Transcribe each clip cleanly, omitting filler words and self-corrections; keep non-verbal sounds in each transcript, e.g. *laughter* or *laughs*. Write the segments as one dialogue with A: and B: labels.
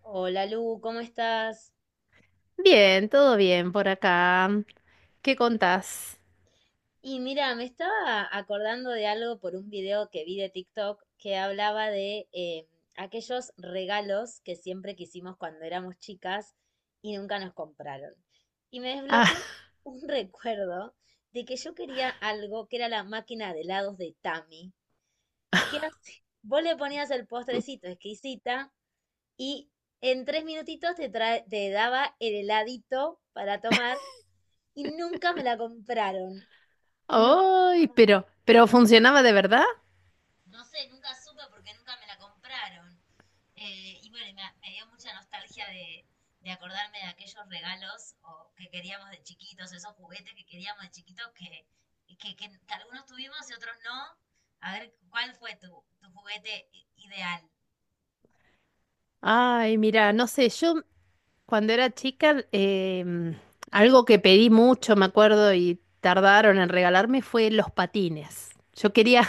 A: Hola Lu, ¿cómo estás?
B: Bien, todo bien por acá. ¿Qué contás?
A: Y mira, me estaba acordando de algo por un video que vi de TikTok que hablaba de aquellos regalos que siempre quisimos cuando éramos chicas y nunca nos compraron. Y me
B: Ah,
A: desbloqueó un *laughs* recuerdo de que yo quería algo que era la máquina de helados de Tami. ¿Qué hace? Vos le ponías el
B: *laughs*
A: postrecito exquisita y en 3 minutitos te daba el heladito para tomar y nunca me la compraron. No,
B: ay,
A: jamás.
B: pero ¿funcionaba de verdad?
A: No sé, nunca supe porque nunca me la compraron. Y bueno, y me dio mucha nostalgia de acordarme de aquellos regalos o que queríamos de chiquitos, esos juguetes que queríamos de chiquitos que, que- que algunos tuvimos y otros no. A ver, ¿cuál fue tu juguete ideal?
B: Ay, mira, no sé, yo cuando era chica, algo que pedí mucho, me acuerdo, y tardaron en regalarme fue los patines. Yo quería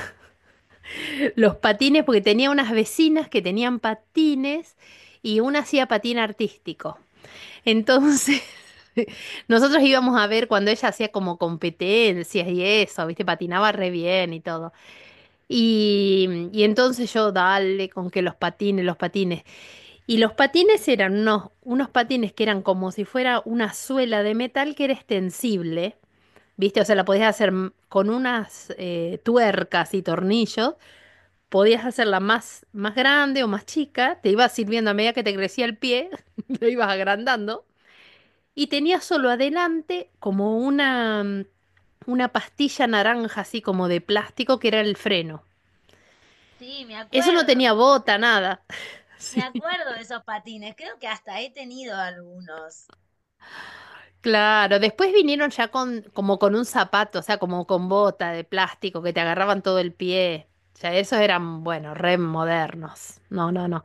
B: *laughs* los patines porque tenía unas vecinas que tenían patines y una hacía patín artístico. Entonces, *laughs* nosotros íbamos a ver cuando ella hacía como competencias y eso, ¿viste? Patinaba re bien y todo. Y entonces yo, dale, con que los patines, los patines. Y los patines eran unos patines que eran como si fuera una suela de metal que era extensible, ¿viste? O sea, la podías hacer m- con unas tuercas y tornillos. Podías hacerla más grande o más chica, te ibas sirviendo a medida que te crecía el pie, *laughs* lo ibas agrandando. Y tenía solo adelante como una, una pastilla naranja, así como de plástico, que era el freno.
A: Sí,
B: Eso no tenía bota, nada. *laughs*
A: me
B: Sí,
A: acuerdo de esos patines, creo que hasta he tenido algunos.
B: claro. Después vinieron ya con, como con un zapato, o sea, como con bota de plástico que te agarraban todo el pie. Ya esos eran, bueno, re modernos. No, no, no.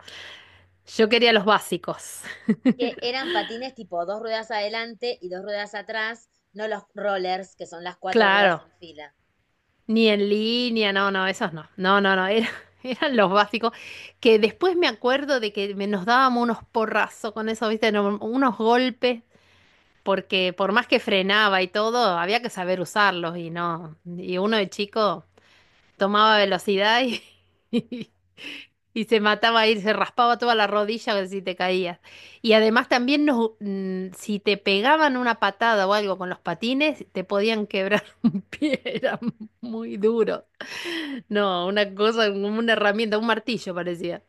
B: Yo quería los básicos. *laughs*
A: Que eran patines tipo dos ruedas adelante y dos ruedas atrás, no los rollers, que son las cuatro ruedas
B: Claro.
A: en fila.
B: Ni en línea, no, no, esos no. No, no, no, *laughs* eran los básicos. Que después me acuerdo de nos dábamos unos porrazos con eso, ¿viste? No, unos golpes, porque por más que frenaba y todo, había que saber usarlos y no. Y uno de chico tomaba velocidad y, *laughs* y se mataba ahí, se raspaba toda la rodilla si te caías. Y además también nos, si te pegaban una patada o algo con los patines, te podían quebrar *laughs* un pie, era muy duro. No, una cosa, como una herramienta, un martillo parecía.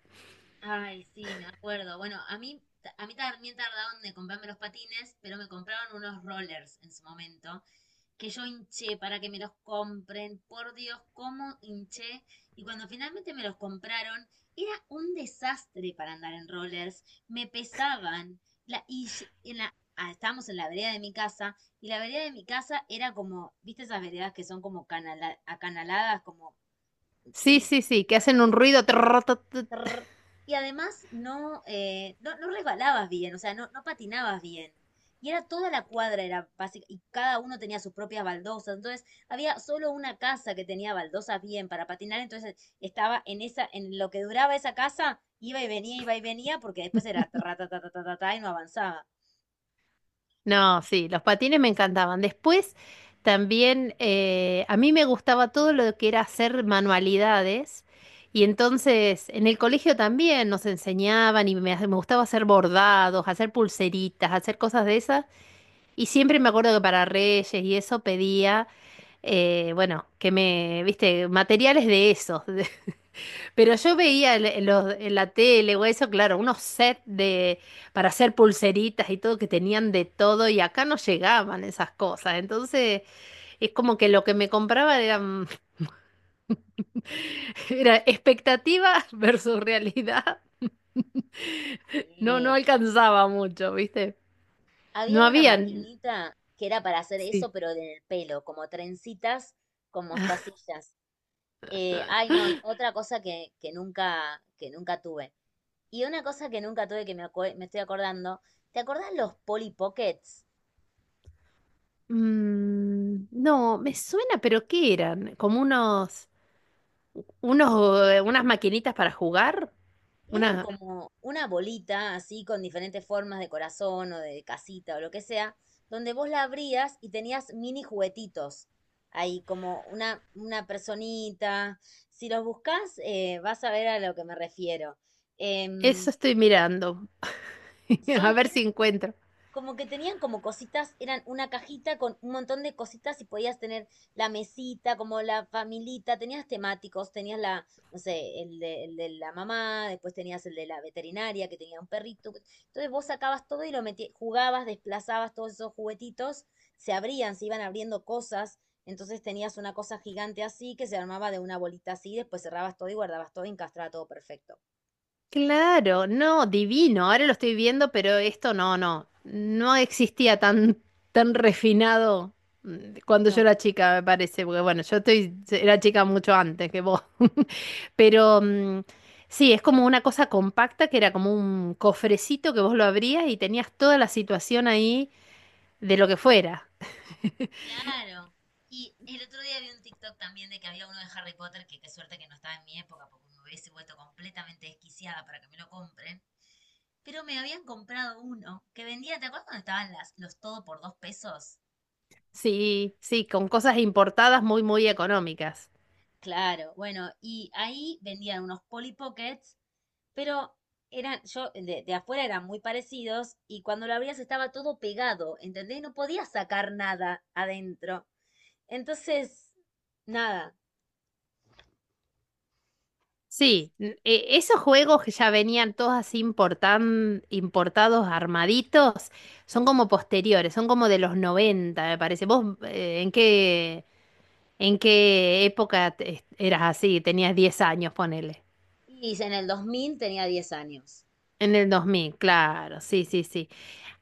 A: Ay, sí, me acuerdo. Bueno, a mí también tardaron de comprarme los patines, pero me compraron unos rollers en su momento, que yo hinché para que me los compren, por Dios, cómo hinché. Y cuando finalmente me los compraron, era un desastre para andar en rollers, me pesaban. La, y en la, ah, Estábamos en la vereda de mi casa, y la vereda de mi casa era como, ¿viste esas veredas que son como acanaladas?
B: Sí,
A: Y
B: sí, sí, que
A: no,
B: hacen
A: no
B: un ruido. Trrr, tut, tut.
A: trrr, y además no resbalabas bien, o sea, no patinabas bien. Y era toda la cuadra, era básica, y cada uno tenía sus propias baldosas. Entonces, había solo una casa que tenía baldosas bien para patinar. Entonces, estaba en esa, en lo que duraba esa casa, iba y venía, porque después era tra, ta, ta, ta, ta, ta, ta, y no avanzaba.
B: No, sí, los patines me encantaban. Después también a mí me gustaba todo lo que era hacer manualidades. Y entonces en el colegio también nos enseñaban y me gustaba hacer bordados, hacer pulseritas, hacer cosas de esas. Y siempre me acuerdo que para Reyes y eso pedía, bueno, que me, viste, materiales de esos. *laughs* Pero yo veía en la tele o eso, claro, unos sets de, para hacer pulseritas y todo que tenían de todo y acá no llegaban esas cosas. Entonces es como que lo que me compraba eran, *laughs* era expectativa versus realidad. *laughs* No, no
A: Sí.
B: alcanzaba mucho, ¿viste? No
A: Había una
B: habían...
A: maquinita que era para hacer eso,
B: Sí.
A: pero en el pelo, como trencitas con
B: *laughs*
A: mostacillas. Ay, no, otra cosa que nunca tuve. Y una cosa que nunca tuve que me estoy acordando, ¿te acordás los Polly Pockets?
B: Mm, no, me suena, pero ¿qué eran? Como unos, unos, unas maquinitas para jugar.
A: Eran
B: Una,
A: como una bolita así con diferentes formas de corazón o de casita o lo que sea, donde vos la abrías y tenías mini juguetitos. Ahí como una personita. Si los buscás, vas a ver a lo que me refiero. Em,
B: eso estoy mirando. *laughs* A
A: son,
B: ver si encuentro.
A: como que tenían como cositas, eran una cajita con un montón de cositas y podías tener la mesita, como la familita, tenías temáticos, tenías la, no sé, el de la mamá, después tenías el de la veterinaria que tenía un perrito. Entonces vos sacabas todo y lo metías, jugabas, desplazabas todos esos juguetitos, se abrían, se iban abriendo cosas. Entonces tenías una cosa gigante así que se armaba de una bolita así, después cerrabas todo y guardabas todo y encastraba todo perfecto.
B: Claro, no, divino. Ahora lo estoy viendo, pero esto no, no. No existía tan refinado cuando yo
A: No,
B: era chica, me parece. Porque bueno, yo estoy, era chica mucho antes que vos. *laughs* Pero mm, sí, es como una cosa compacta que era como un cofrecito que vos lo abrías y tenías toda la situación ahí de lo que fuera.
A: Claro. Y el otro día vi un TikTok también de que había uno de Harry Potter, que qué suerte que no estaba en mi época, porque me hubiese vuelto completamente desquiciada para que me lo compren. Pero me habían comprado uno que vendía, ¿te acuerdas cuando estaban los todo por dos pesos?
B: Sí, sí, con cosas importadas muy, muy económicas.
A: Claro, bueno, y ahí vendían unos Polly Pockets, pero eran, yo, de afuera eran muy parecidos y cuando lo abrías estaba todo pegado, ¿entendés? No podías sacar nada adentro. Entonces, nada.
B: Sí, esos juegos que ya venían todos así importados, armaditos, son como posteriores, son como de los 90 me parece. ¿Vos en qué época eras así? Tenías 10 años, ponele.
A: Y en el 2000 tenía 10 años.
B: En el 2000, claro, sí, sí, sí.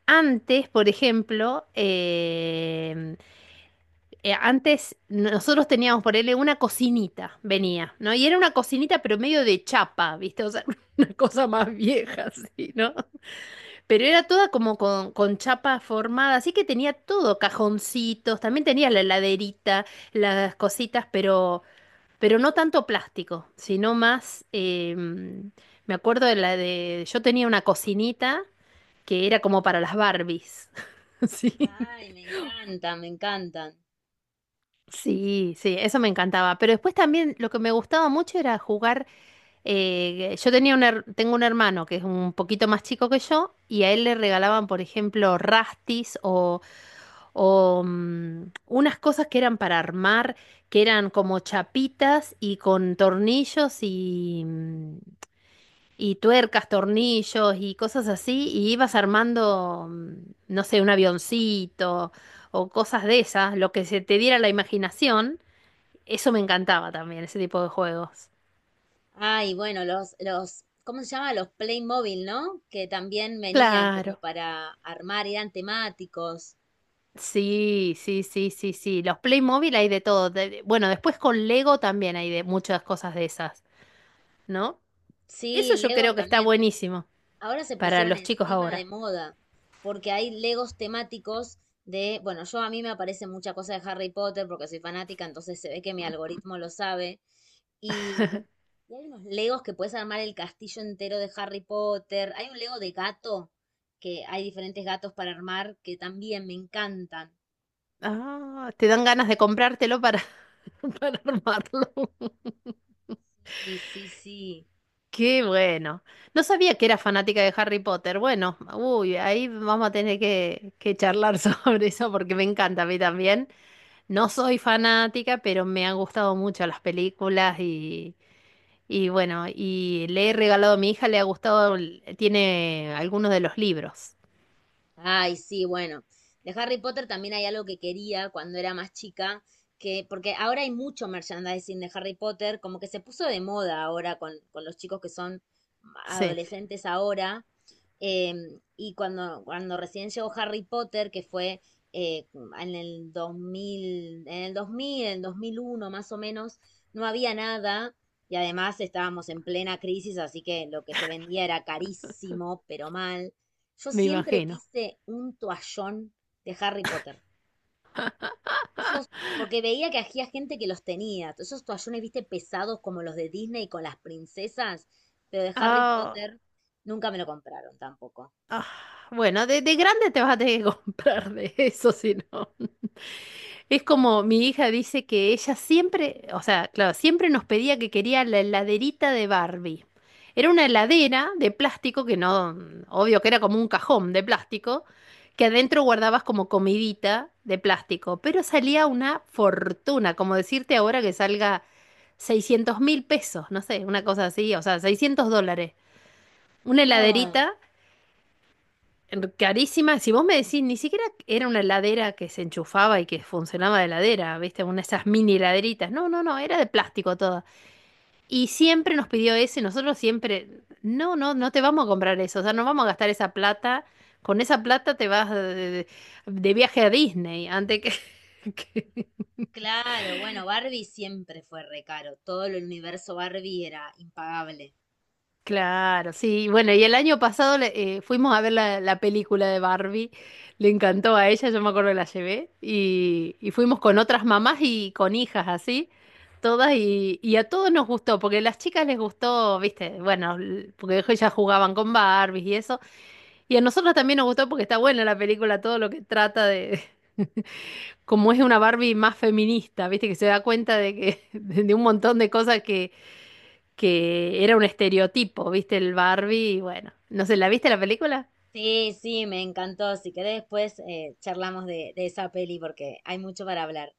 B: Antes, por ejemplo, antes nosotros teníamos, ponele, una cocinita, venía, ¿no? Y era una cocinita, pero medio de chapa, ¿viste? O sea, *laughs* una cosa más vieja, sí, ¿no? Pero era toda como con chapa formada, así que tenía todo, cajoncitos, también tenía la heladerita, las cositas, pero no tanto plástico, sino más, me acuerdo de la de, yo tenía una cocinita que era como para las Barbies. *laughs* Sí.
A: Ay, me encantan, me encantan.
B: Sí, sí, eso me encantaba. Pero después también lo que me gustaba mucho era jugar. Yo tenía un her- Tengo un hermano que es un poquito más chico que yo y a él le regalaban, por ejemplo, rastis o unas cosas que eran para armar, que eran como chapitas y con tornillos y, y tuercas, tornillos y cosas así, y ibas armando, no sé, un avioncito o cosas de esas, lo que se te diera la imaginación, eso me encantaba también, ese tipo de juegos.
A: Ay, bueno, los, ¿cómo se llama? Los Playmobil, ¿no? Que también venían como
B: Claro.
A: para armar, eran temáticos.
B: Sí, sí, sí, sí, sí. Los Playmobil hay de todo. Bueno, después con Lego también hay de muchas cosas de esas, ¿no? Eso
A: Sí,
B: yo
A: Lego
B: creo que está
A: también.
B: buenísimo
A: Ahora se
B: para
A: pusieron
B: los chicos
A: encima de
B: ahora.
A: moda, porque hay Legos temáticos de, bueno, yo a mí me aparece mucha cosa de Harry Potter porque soy fanática, entonces se ve que mi algoritmo lo sabe. Y, y hay unos Legos que puedes armar el castillo entero de Harry Potter. Hay un Lego de gato, que hay diferentes gatos para armar, que también me encantan.
B: Ah, te dan ganas de comprártelo para, *laughs* para armarlo.
A: Sí, sí, sí.
B: Qué bueno. No sabía que era fanática de Harry Potter. Bueno, uy, ahí vamos a tener que charlar *laughs* sobre eso porque me encanta a mí también. No soy fanática, pero me han gustado mucho las películas y bueno, y le he regalado a mi hija, le ha gustado, tiene algunos de los libros.
A: Ay, sí, bueno. De Harry Potter también hay algo que quería cuando era más chica, que, porque ahora hay mucho merchandising de Harry Potter, como que se puso de moda ahora con los chicos que son
B: Sí,
A: adolescentes ahora. Y cuando recién llegó Harry Potter, que fue eh, en el 2000 en el 2000 en el 2001 más o menos, no había nada. Y además estábamos en plena crisis, así que lo que se vendía era carísimo, pero mal. Yo
B: me
A: siempre
B: imagino.
A: quise un toallón de Harry Potter. Esos, porque veía que había gente que los tenía. Esos toallones, viste, pesados como los de Disney con las princesas, pero de Harry
B: Ah.
A: Potter nunca me lo compraron tampoco.
B: Ah, bueno, de grande te vas a tener que *laughs* comprar de eso, si no. Es como mi hija dice que ella siempre, o sea, claro, siempre nos pedía que quería la heladerita de Barbie. Era una heladera de plástico que no, obvio que era como un cajón de plástico, que adentro guardabas como comidita de plástico, pero salía una fortuna, como decirte ahora que salga 600.000 pesos, no sé, una cosa así, o sea, $600. Una
A: No,
B: heladerita. Carísima. Si vos me decís, ni siquiera era una heladera que se enchufaba y que funcionaba de heladera, ¿viste? Una de esas mini heladeritas. No, no, no, era de plástico toda. Y siempre nos pidió eso y nosotros siempre, no, no, no te vamos a comprar eso, o sea, no vamos a gastar esa plata. Con esa plata te vas de viaje a Disney antes que, *laughs* que,
A: claro, bueno, Barbie siempre fue re caro. Todo el universo Barbie era impagable.
B: claro, sí. Bueno, y el año pasado fuimos a ver la película de Barbie. Le encantó a ella, yo me acuerdo que la llevé. Y fuimos con otras mamás y con hijas así, todas. Y a todos nos gustó, porque a las chicas les gustó, viste, bueno, porque ellas jugaban con Barbies y eso. Y a nosotros también nos gustó porque está buena la película, todo lo que trata de... *laughs* Como es una Barbie más feminista, viste, que se da cuenta de que, *laughs* de un montón de cosas que era un estereotipo, ¿viste? El Barbie, y bueno, no sé, ¿la viste la película?
A: Sí, sí, me encantó. Si querés después charlamos de esa peli porque hay mucho para hablar.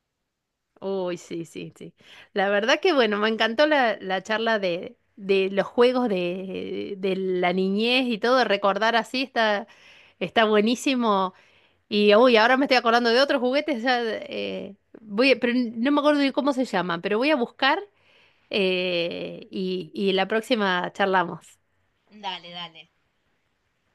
B: Uy, sí, sí, sí. La verdad que bueno, me encantó la charla de los juegos de la niñez y todo, recordar así está, está buenísimo. Y uy, ahora me estoy acordando de otros juguetes, ya, pero no me acuerdo ni cómo se llaman, pero voy a buscar y la próxima charlamos.
A: Dale, dale.